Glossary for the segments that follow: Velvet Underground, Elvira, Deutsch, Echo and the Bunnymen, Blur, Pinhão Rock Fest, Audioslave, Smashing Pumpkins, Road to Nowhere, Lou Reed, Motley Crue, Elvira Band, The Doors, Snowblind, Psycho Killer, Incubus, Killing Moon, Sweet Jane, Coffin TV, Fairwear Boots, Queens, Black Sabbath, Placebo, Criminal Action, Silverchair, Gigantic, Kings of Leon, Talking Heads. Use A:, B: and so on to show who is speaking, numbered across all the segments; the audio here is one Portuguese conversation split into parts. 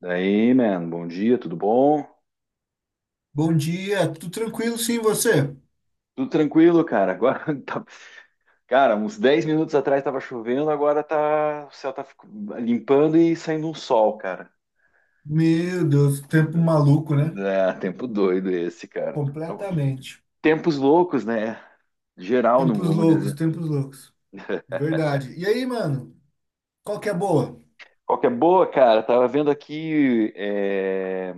A: Daí, man, bom dia, tudo bom?
B: Bom dia, tudo tranquilo sim, você?
A: Tudo tranquilo, cara. Agora, cara, uns 10 minutos atrás tava chovendo, o céu limpando e saindo um sol, cara.
B: Meu Deus, tempo maluco, né?
A: É, tempo doido esse, cara.
B: Completamente.
A: Tempos loucos, né? Geral, não
B: Tempos
A: vamos
B: loucos,
A: dizer.
B: tempos loucos. Verdade. E aí, mano? Qual que é a boa?
A: Qual que é boa, cara? Tava vendo aqui,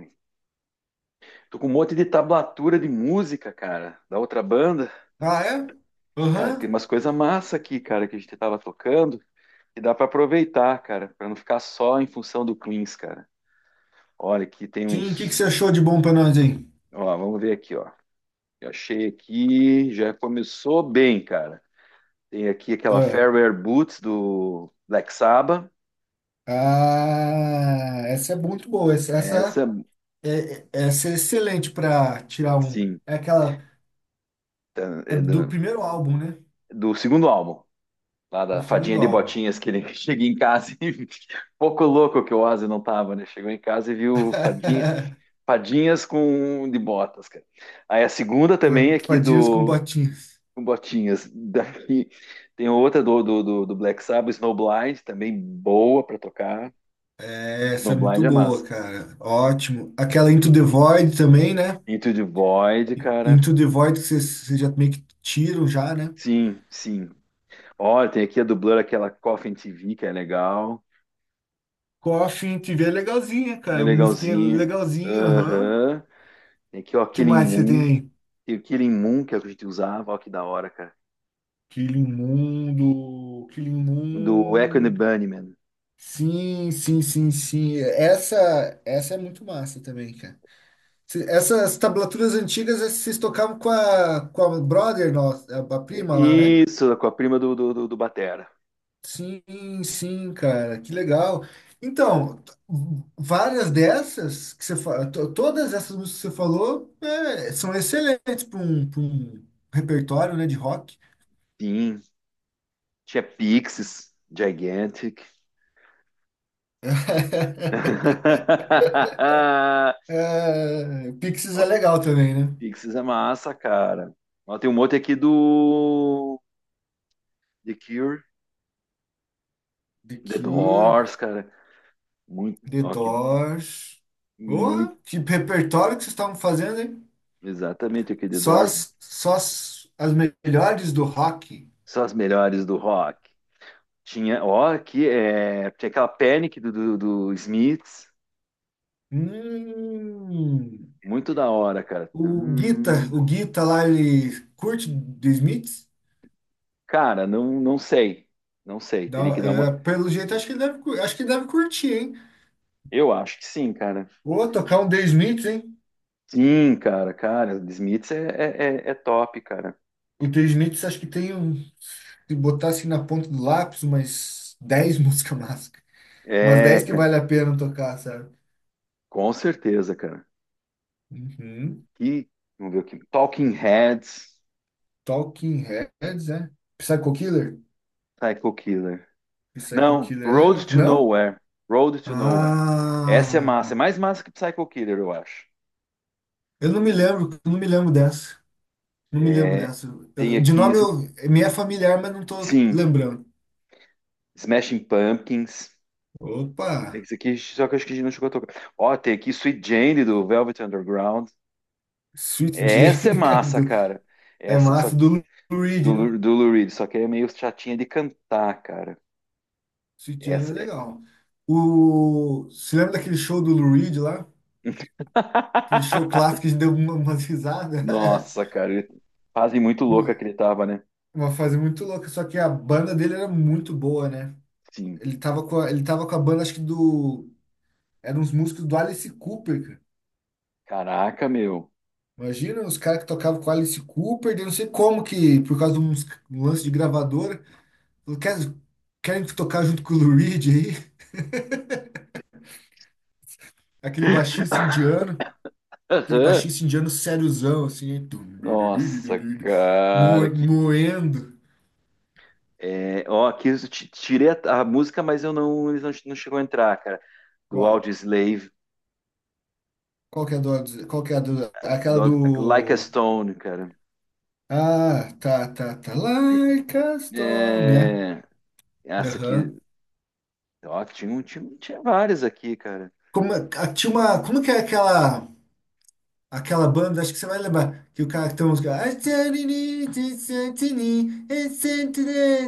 A: tô com um monte de tablatura de música, cara, da outra banda.
B: Ah, é?
A: Cara, tem
B: Aham.
A: umas coisas massa aqui, cara, que a gente tava tocando. E dá para aproveitar, cara, para não ficar só em função do cleans, cara. Olha, aqui tem
B: Sim, o que que
A: uns.
B: você achou de bom pra nós aí?
A: Ó, vamos ver aqui, ó. Eu achei aqui, já começou bem, cara. Tem aqui aquela
B: Ah,
A: Fairwear Boots do Black Sabbath.
B: ah, essa é muito boa.
A: Essa,
B: É, essa é excelente pra tirar um.
A: sim,
B: É aquela.
A: tá-
B: É
A: é
B: do
A: da-
B: primeiro álbum, né?
A: do segundo álbum, lá
B: Do
A: da fadinha
B: segundo
A: de
B: álbum.
A: botinhas que ele cheguei em casa e pouco louco que o Ozzy não tava, né? Chegou em casa e viu fadinha, fadinhas com de botas, cara. Aí a segunda também aqui
B: Fadinhas com
A: do
B: botinhas.
A: Botinhas. Daí tem outra do Black Sabbath, Snowblind, também boa pra tocar.
B: Essa é muito
A: Snowblind é
B: boa,
A: massa.
B: cara. Ótimo. Aquela Into the Void também, né?
A: Into the Void, cara.
B: Into the Void que vocês já meio que tiram já, né?
A: Sim, sim. Olha, tem aqui a do Blur, aquela Coffin TV, que é legal.
B: Coffin TV é legalzinha,
A: É
B: cara. Musiquinha
A: legalzinho.
B: legalzinha, aham.
A: Aham. Tem aqui, ó,
B: Que
A: Killing
B: mais você tem
A: Moon.
B: aí?
A: Tem o Killing Moon, que é o que a gente usava. Ó, que da hora, cara.
B: Killing Mundo, Killing
A: Do Echo and the
B: Moon.
A: Bunnymen.
B: Sim, sim, sim, sim. Essa é muito massa também, cara. Essas tablaturas antigas, vocês tocavam com a brother nossa, a prima lá, né?
A: Isso, com a prima do Batera.
B: Sim, sim, cara, que legal. Então, várias dessas que você todas essas músicas que você falou são excelentes para um, pra um repertório, né, de rock.
A: Sim. Tinha Pixies, Gigantic.
B: É, Pixies é
A: Ó,
B: legal também, né?
A: Pixies é massa, cara. Ó, tem um monte aqui do The Cure,
B: The
A: The
B: Cure,
A: Doors, cara. Muito,
B: The
A: ó, que,
B: Doors.
A: muito,
B: Porra, que repertório que vocês estavam fazendo, hein?
A: Exatamente aqui, The
B: Só
A: Doors.
B: as, só as, as melhores do rock.
A: São as melhores do rock. Tinha, ó, aqui é, Tinha aquela Panic do Smiths.
B: Hum.
A: Muito da hora, cara.
B: O Guita, o Guita lá, ele curte The Smiths?
A: Cara, não sei. Não sei. Teria
B: Dá-
A: que dar uma.
B: é, pelo jeito, acho que ele deve curtir, hein?
A: Eu acho que sim, cara.
B: Ou tocar um The Smiths, hein?
A: Sim, cara. The Smiths é top, cara.
B: O The Smiths, acho que tem um. Se botar assim na ponta do lápis, umas 10 músicas massa. Umas
A: É,
B: 10 que
A: cara,
B: vale a pena tocar, sabe?
A: com certeza, cara.
B: Uhum.
A: E, vamos ver aqui. Talking Heads,
B: Talking Heads, é? Psycho Killer?
A: Psycho Killer.
B: Psycho
A: Não,
B: Killer é
A: Road
B: legal.
A: to
B: Não?
A: Nowhere. Road to Nowhere. Essa é massa, é
B: Ah,
A: mais massa que Psycho Killer, eu acho.
B: eu não me lembro dessa. Não me lembro
A: É,
B: dessa.
A: tem
B: De
A: aqui,
B: nome eu, me é familiar, mas não tô
A: sim,
B: lembrando.
A: Smashing Pumpkins.
B: Opa!
A: Tem Esse aqui, só que eu acho que a gente não chegou a tocar. Ó, tem aqui Sweet Jane do Velvet Underground.
B: Sweet
A: É, essa é
B: Jane
A: massa, cara.
B: é
A: Essa, só
B: massa
A: que-
B: do Lou
A: do,
B: Reed, né?
A: Lu- Do Lou Reed, só que é meio chatinha de cantar, cara.
B: Sweet Jane é
A: Essa é.
B: legal. O, você lembra daquele show do Lou Reed lá? Aquele show clássico que a gente deu umas risadas.
A: Nossa, cara, ele... fase muito louca que ele tava, né?
B: Uma fase muito louca, só que a banda dele era muito boa, né?
A: Sim.
B: Ele tava com a banda, acho que do. Eram uns músicos do Alice Cooper.
A: Caraca, meu.
B: Imagina os caras que tocavam com Alice Cooper, daí não sei como que, por causa de um lance de gravadora, falou, querem tocar junto com o Lou Reed aí?" Aquele baixista indiano, aquele
A: Aham.
B: baixista indiano sériozão, assim, hein? Tum, du, du, du, du,
A: Nossa,
B: du, du,
A: cara,
B: moendo.
A: aqui eu tirei a música, mas eu não, eles não, não chegou a entrar, cara. Do
B: Qual?
A: Audioslave,
B: Qual que é a do, qual que é a do, aquela
A: do Like a
B: do...
A: Stone, cara.
B: Ah, tá, tá, tá, like a stone, né?
A: É, essa aqui,
B: Aham.
A: ó, tinha várias aqui, cara.
B: Tinha uma, como que é aquela... Aquela banda, acho que você vai lembrar, que o cara que tem a música. I said it is, it said it is, it said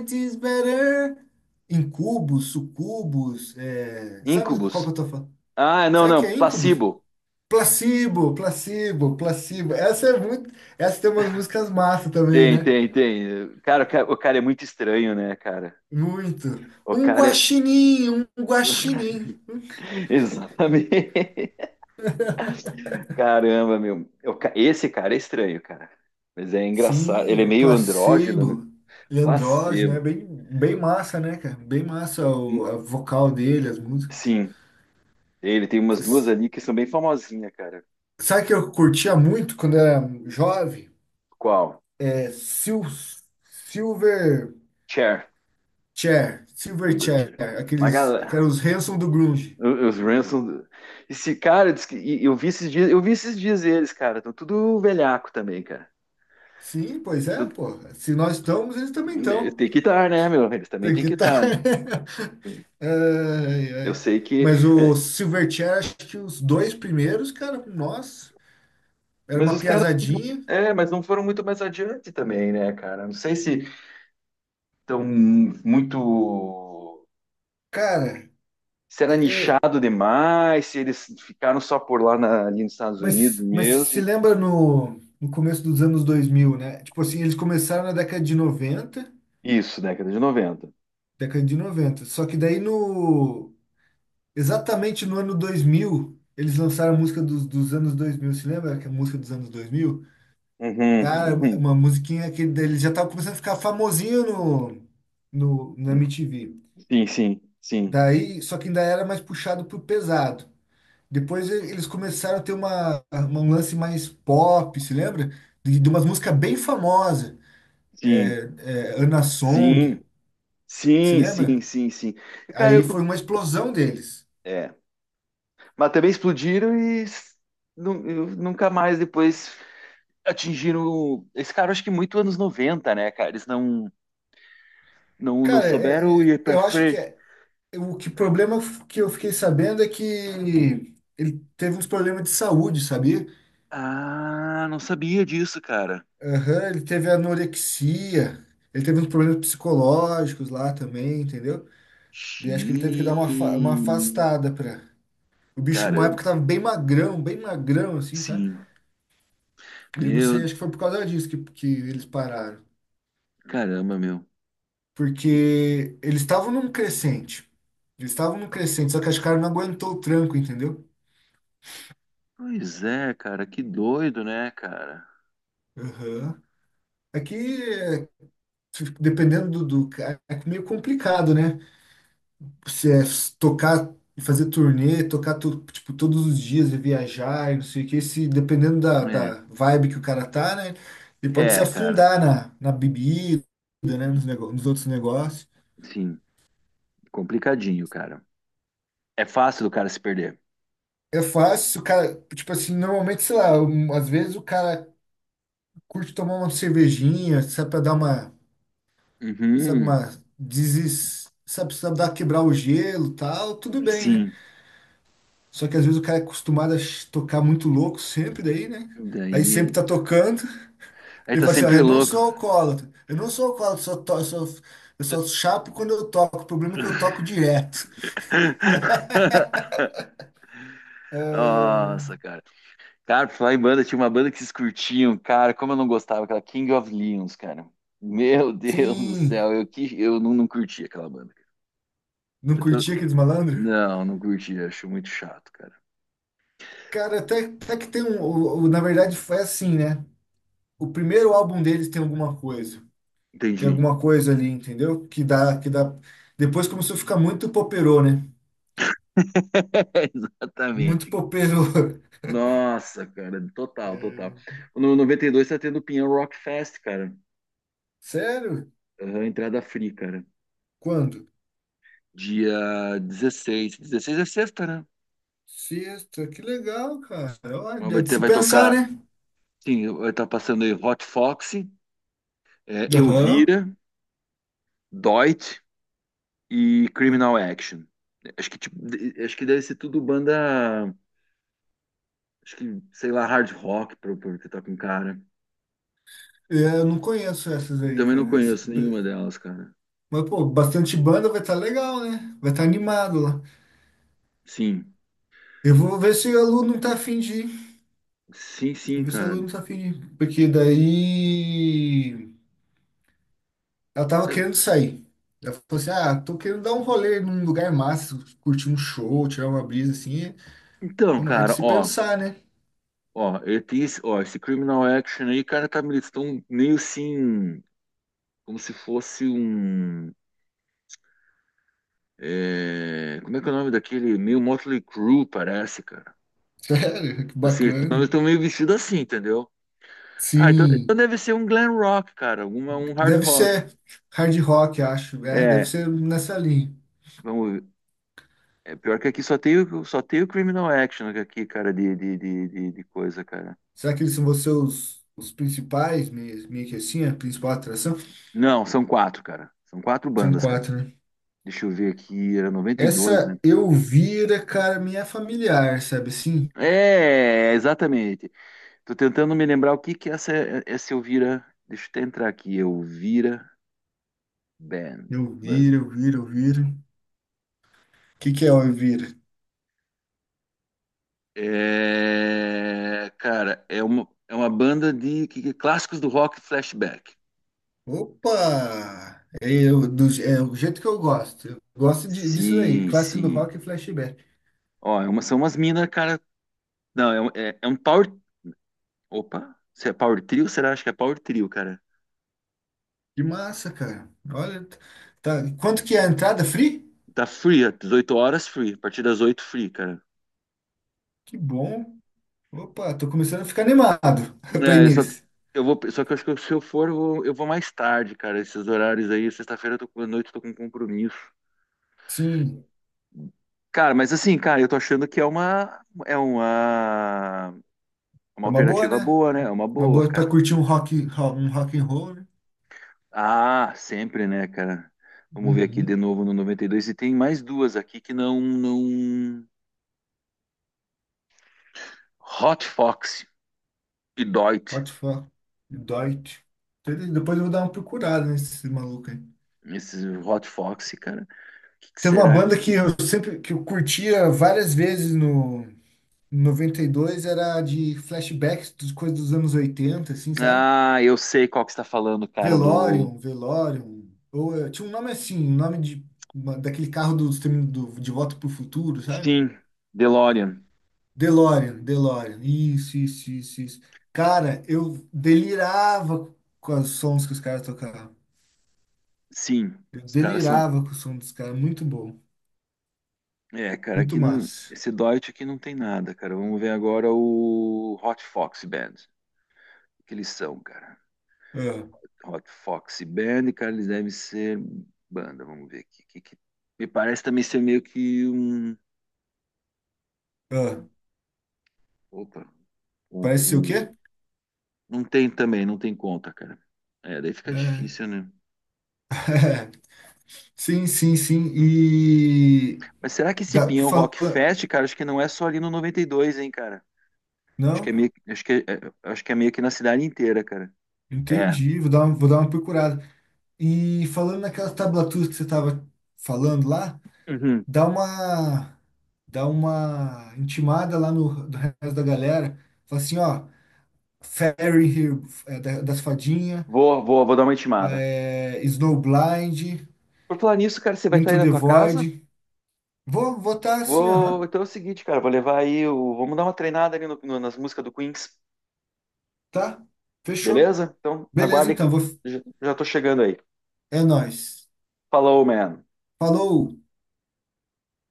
B: it is better. Incubos, sucubos, sabe do que qual que
A: Incubus.
B: eu tô falando?
A: Ah, não,
B: Será que
A: não,
B: é Incubus?
A: Placebo.
B: Placebo, placebo, placebo. Essa é muito. Essa tem umas músicas massa também,
A: Tem,
B: né?
A: tem, tem. Cara, o cara é muito estranho, né, cara?
B: Muito.
A: O
B: Um
A: cara é,
B: guaxinim, um guaxinim.
A: exatamente. Caramba, meu. Esse cara é estranho, cara. Mas é engraçado. Ele
B: Sim,
A: é
B: o
A: meio andrógeno, né?
B: placebo. Leandro, né?
A: Lacedo.
B: Bem, bem massa, né, cara? Bem massa o
A: Hum,
B: a vocal dele, as músicas.
A: Sim, ele tem umas duas
B: S-
A: ali que são bem famosinhas, cara.
B: Sabe que eu curtia muito quando era jovem?
A: Qual?
B: É, Silver
A: Cher.
B: Chair, Silver
A: Gilbert.
B: Chair,
A: Cher. Uma
B: aqueles que
A: galera.
B: eram os Hanson do Grunge.
A: O- Os Ransom. Esse cara, eu vi esses dias, eu vi esses dias eles, cara. Estão tudo velhaco também, cara.
B: Sim, pois é,
A: Tu-
B: pô. Se nós estamos, eles também estão.
A: Tem que estar, né, meu? Eles também
B: Tem
A: tem
B: que
A: que
B: estar.
A: estar, né?
B: Ai,
A: Eu
B: ai.
A: sei que.
B: Mas o Silverchair, acho que os dois primeiros, cara, nossa, era
A: Mas
B: uma
A: os caras.
B: piazadinha.
A: É, mas não foram muito mais adiante também, né, cara? Não sei se estão muito.
B: Cara,
A: Se
B: é,
A: era
B: é,
A: nichado demais, se eles ficaram só por ali nos Estados Unidos
B: mas, mas se
A: mesmo.
B: lembra no, no começo dos anos 2000, né? Tipo assim, eles começaram na década de 90,
A: Isso, década de 90.
B: década de noventa. Só que daí no, exatamente no ano 2000, eles lançaram a música dos anos 2000. Se lembra que a música dos anos 2000? Cara,
A: Uhum,
B: uma musiquinha que daí eles já estavam começando a ficar famosinho no, no, na
A: uhum.
B: MTV.
A: Sim, sim, sim,
B: Daí, só que ainda era mais puxado pro pesado. Depois eles começaram a ter uma, um lance mais pop, se lembra? De umas músicas bem famosas,
A: sim,
B: Ana Song,
A: sim,
B: se
A: sim,
B: lembra?
A: sim, sim, sim. Cara,
B: Aí
A: eu...
B: foi uma explosão deles.
A: É, mas também explodiram e s- nu- eu- nunca mais depois atingiram. Esse cara, acho que muito anos 90, né, cara? Eles não. Não, não
B: Cara,
A: souberam ir pra
B: eu acho que
A: frente.
B: o que problema que eu fiquei sabendo é que ele teve uns problemas de saúde, sabia?
A: Ah, não sabia disso, cara.
B: Aham, ele teve anorexia, ele teve uns problemas psicológicos lá também, entendeu? E acho que ele teve que dar uma
A: Xiii.
B: afastada pra. O bicho, uma época,
A: Caramba.
B: tava bem magrão, assim, sabe?
A: Sim.
B: Eu não sei,
A: Meu,
B: acho que foi por causa disso que eles pararam.
A: caramba, meu. Que-
B: Porque eles estavam num crescente. Eles estavam num crescente, só que acho que o cara não aguentou o tranco, entendeu?
A: Pois é, cara, que doido, né, cara?
B: Aham. Aqui, é, dependendo do cara, é meio complicado, né? Se é tocar, fazer turnê, tocar tipo, todos os dias e viajar e não sei o que, se, dependendo da vibe que o cara tá, né? Ele
A: É,
B: pode se
A: é, cara.
B: afundar na bebida, né? Nos outros negócios.
A: Sim, complicadinho, cara. É fácil do cara se perder.
B: É fácil, o cara, tipo assim, normalmente, sei lá, um, às vezes o cara curte tomar uma cervejinha, sabe, pra dar uma, sabe,
A: Uhum,
B: uma, desis, sabe, sabe, dar quebrar o gelo, e tal, tudo bem, né?
A: sim.
B: Só que às vezes o cara é acostumado a tocar muito louco sempre daí, né? Aí sempre
A: Daí,
B: tá tocando,
A: aí
B: ele
A: tá
B: fala assim, ó,
A: sempre
B: eu não
A: louco.
B: sou alcoólatra, eu não sou alcoólatra, só to, eu só chapo quando eu toco, o problema é que eu toco direto. Ah,
A: Nossa, cara. Cara, pra falar em banda, tinha uma banda que vocês curtiam, cara, como eu não gostava, aquela King of Leons, cara. Meu Deus do
B: sim,
A: céu, eu, que, eu não, não curti aquela banda. Cara.
B: não
A: Eu tô-
B: curtia aqueles malandros?
A: Não, não curti, acho muito chato, cara.
B: Cara, até, até que tem um. Na verdade, foi assim, né? O primeiro álbum deles tem alguma coisa. Tem
A: Entendi.
B: alguma coisa ali, entendeu? Que dá, que dá. Depois começou a ficar muito poperô, né? Muito
A: Exatamente. Cara.
B: poperô.
A: Nossa, cara, total, total.
B: É.
A: No 92 tá tendo o Pinhão Rock Fest, cara.
B: Sério?
A: Aham, entrada free, cara.
B: Quando?
A: Dia 16. 16 é sexta, né?
B: Sexta, que legal, cara.
A: Mas
B: Olha, é
A: vai
B: de
A: ter,
B: se
A: vai
B: pensar,
A: tocar,
B: né?
A: sim, vai estar passando aí Hot Foxy, é,
B: Aham.
A: Elvira, Doit. E Criminal Action. Acho que, acho que deve ser tudo banda, acho que, sei lá, hard rock, pra que tá com cara.
B: É, eu não conheço essas aí,
A: Também não
B: cara.
A: conheço nenhuma delas, cara.
B: Mas, pô, bastante banda vai estar legal, né? Vai estar animado lá.
A: Sim,
B: Eu vou ver se o aluno não tá afim.
A: sim,
B: Vou ver se ela
A: cara.
B: não tá afim. Porque daí ela tava
A: É,
B: querendo sair. Ela falou assim: "Ah, tô querendo dar um rolê num lugar massa, curtir um show, tirar uma brisa assim." É, é
A: então,
B: uma- é de
A: cara,
B: se
A: ó,
B: pensar, né?
A: ó, eu tenho esse, ó, esse Criminal Action aí, cara, tá, eles estão meio assim, como se fosse um, é, como é que é o nome daquele, meio Motley Crue, parece, cara.
B: Sério, que
A: Assim, eles
B: bacana.
A: estão meio vestidos assim, entendeu? Ah, então,
B: Sim,
A: então deve ser um glam rock, cara, alguma, um hard
B: deve
A: rock.
B: ser hard rock, acho. É, deve
A: É,
B: ser nessa linha.
A: vamos ver. É pior que aqui só tem, só tem o Criminal Action aqui, cara, de coisa, cara.
B: Será que eles são vocês os principais, meio que assim, a principal atração?
A: Não, são quatro, cara. São quatro
B: São
A: bandas, cara.
B: quatro, né?
A: Deixa eu ver aqui, era 92, né?
B: Essa Elvira, cara, me é familiar, sabe assim?
A: É, exatamente. Tô tentando me lembrar o que que é essa Elvira. Deixa eu até entrar aqui, Elvira Band,
B: Elvira,
A: banda.
B: Elvira, Elvira. O que, que é ouvir?
A: É, cara, é uma banda de clássicos do rock flashback.
B: Opa! É o jeito que eu gosto. Eu gosto disso daí,
A: Sim,
B: clássicos do
A: sim.
B: rock e flashback.
A: Ó, é uma, são umas minas, cara. Não, é um power. Opa, se é power trio? Será? Acho que é power trio, cara.
B: Que massa, cara. Olha, tá. Quanto que é a entrada? Free?
A: Tá free, ó, 18 horas free. A partir das 8 free, cara.
B: Que bom. Opa, tô começando a ficar animado pra
A: É,
B: início.
A: eu vou, só que eu acho que se eu for, eu vou mais tarde, cara. Esses horários aí, sexta-feira eu à noite eu tô com compromisso.
B: Sim,
A: Cara, mas assim, cara, eu tô achando que é
B: é
A: uma
B: uma boa,
A: alternativa
B: né?
A: boa, né? É uma
B: Uma
A: boa,
B: boa pra
A: cara.
B: curtir um rock, um rock and roll, né?
A: Ah, sempre, né, cara? Vamos ver aqui de
B: Uhum.
A: novo no 92. E tem mais duas aqui que não, não... Hot Fox e Deutsch.
B: What the fuck? Deutsch. Entendeu? Depois eu vou dar uma procurada nesse maluco aí.
A: Esses Hot Fox, cara. O que que
B: Teve uma
A: será?
B: banda que eu sempre que eu curtia várias vezes no 92, era de flashbacks das coisas dos anos 80, assim, sabe?
A: Ah, eu sei qual que você está falando, cara, do...
B: Velorium, Velorium. Ou tinha um nome assim, um nome de, daquele carro do De Volta pro Futuro, sabe?
A: Sim, DeLorean.
B: DeLorean, DeLorean. Isso, isso, isso, isso. Cara, eu delirava com os sons que os caras tocavam.
A: Sim,
B: Eu
A: os caras são...
B: delirava com o som dos caras. Muito bom.
A: É, cara, aqui
B: Muito
A: não...
B: massa.
A: Esse Deutsch aqui não tem nada, cara. Vamos ver agora o Hot Fox Band. O que eles são, cara?
B: Ah,
A: Hot Fox Band, cara, eles devem ser banda, vamos ver aqui. Me parece também ser meio que um.
B: ah.
A: Opa, contas.
B: Parece ser o
A: Não
B: quê?
A: não tem também, não tem conta, cara. É, daí fica
B: É.
A: difícil, né?
B: Sim, sim, sim. E
A: Mas será que esse
B: dá,
A: Pinhão
B: fala,
A: Rock Fest, cara, acho que não é só ali no 92, hein, cara? Acho que
B: não,
A: é meio, acho que é meio que na cidade inteira, cara. É.
B: entendi, vou dar uma, procurada. E falando naquela tablatura que você estava falando lá,
A: Uhum.
B: dá uma, dá uma intimada lá no, do resto da galera. Fala assim, ó, Fairy Here, das fadinhas,
A: Vou dar uma intimada.
B: Snowblind,
A: Por falar nisso, cara, você vai estar aí
B: Into
A: na
B: the
A: tua casa?
B: Void. Vou votar assim,
A: Vou.
B: aham,
A: Então é o seguinte, cara, vou levar aí o. Vamos dar uma treinada ali nas músicas do Queens.
B: tá? Fechou.
A: Beleza? Então,
B: Beleza,
A: aguarde
B: então,
A: que já estou chegando aí.
B: é nóis.
A: Falou, man.
B: Falou!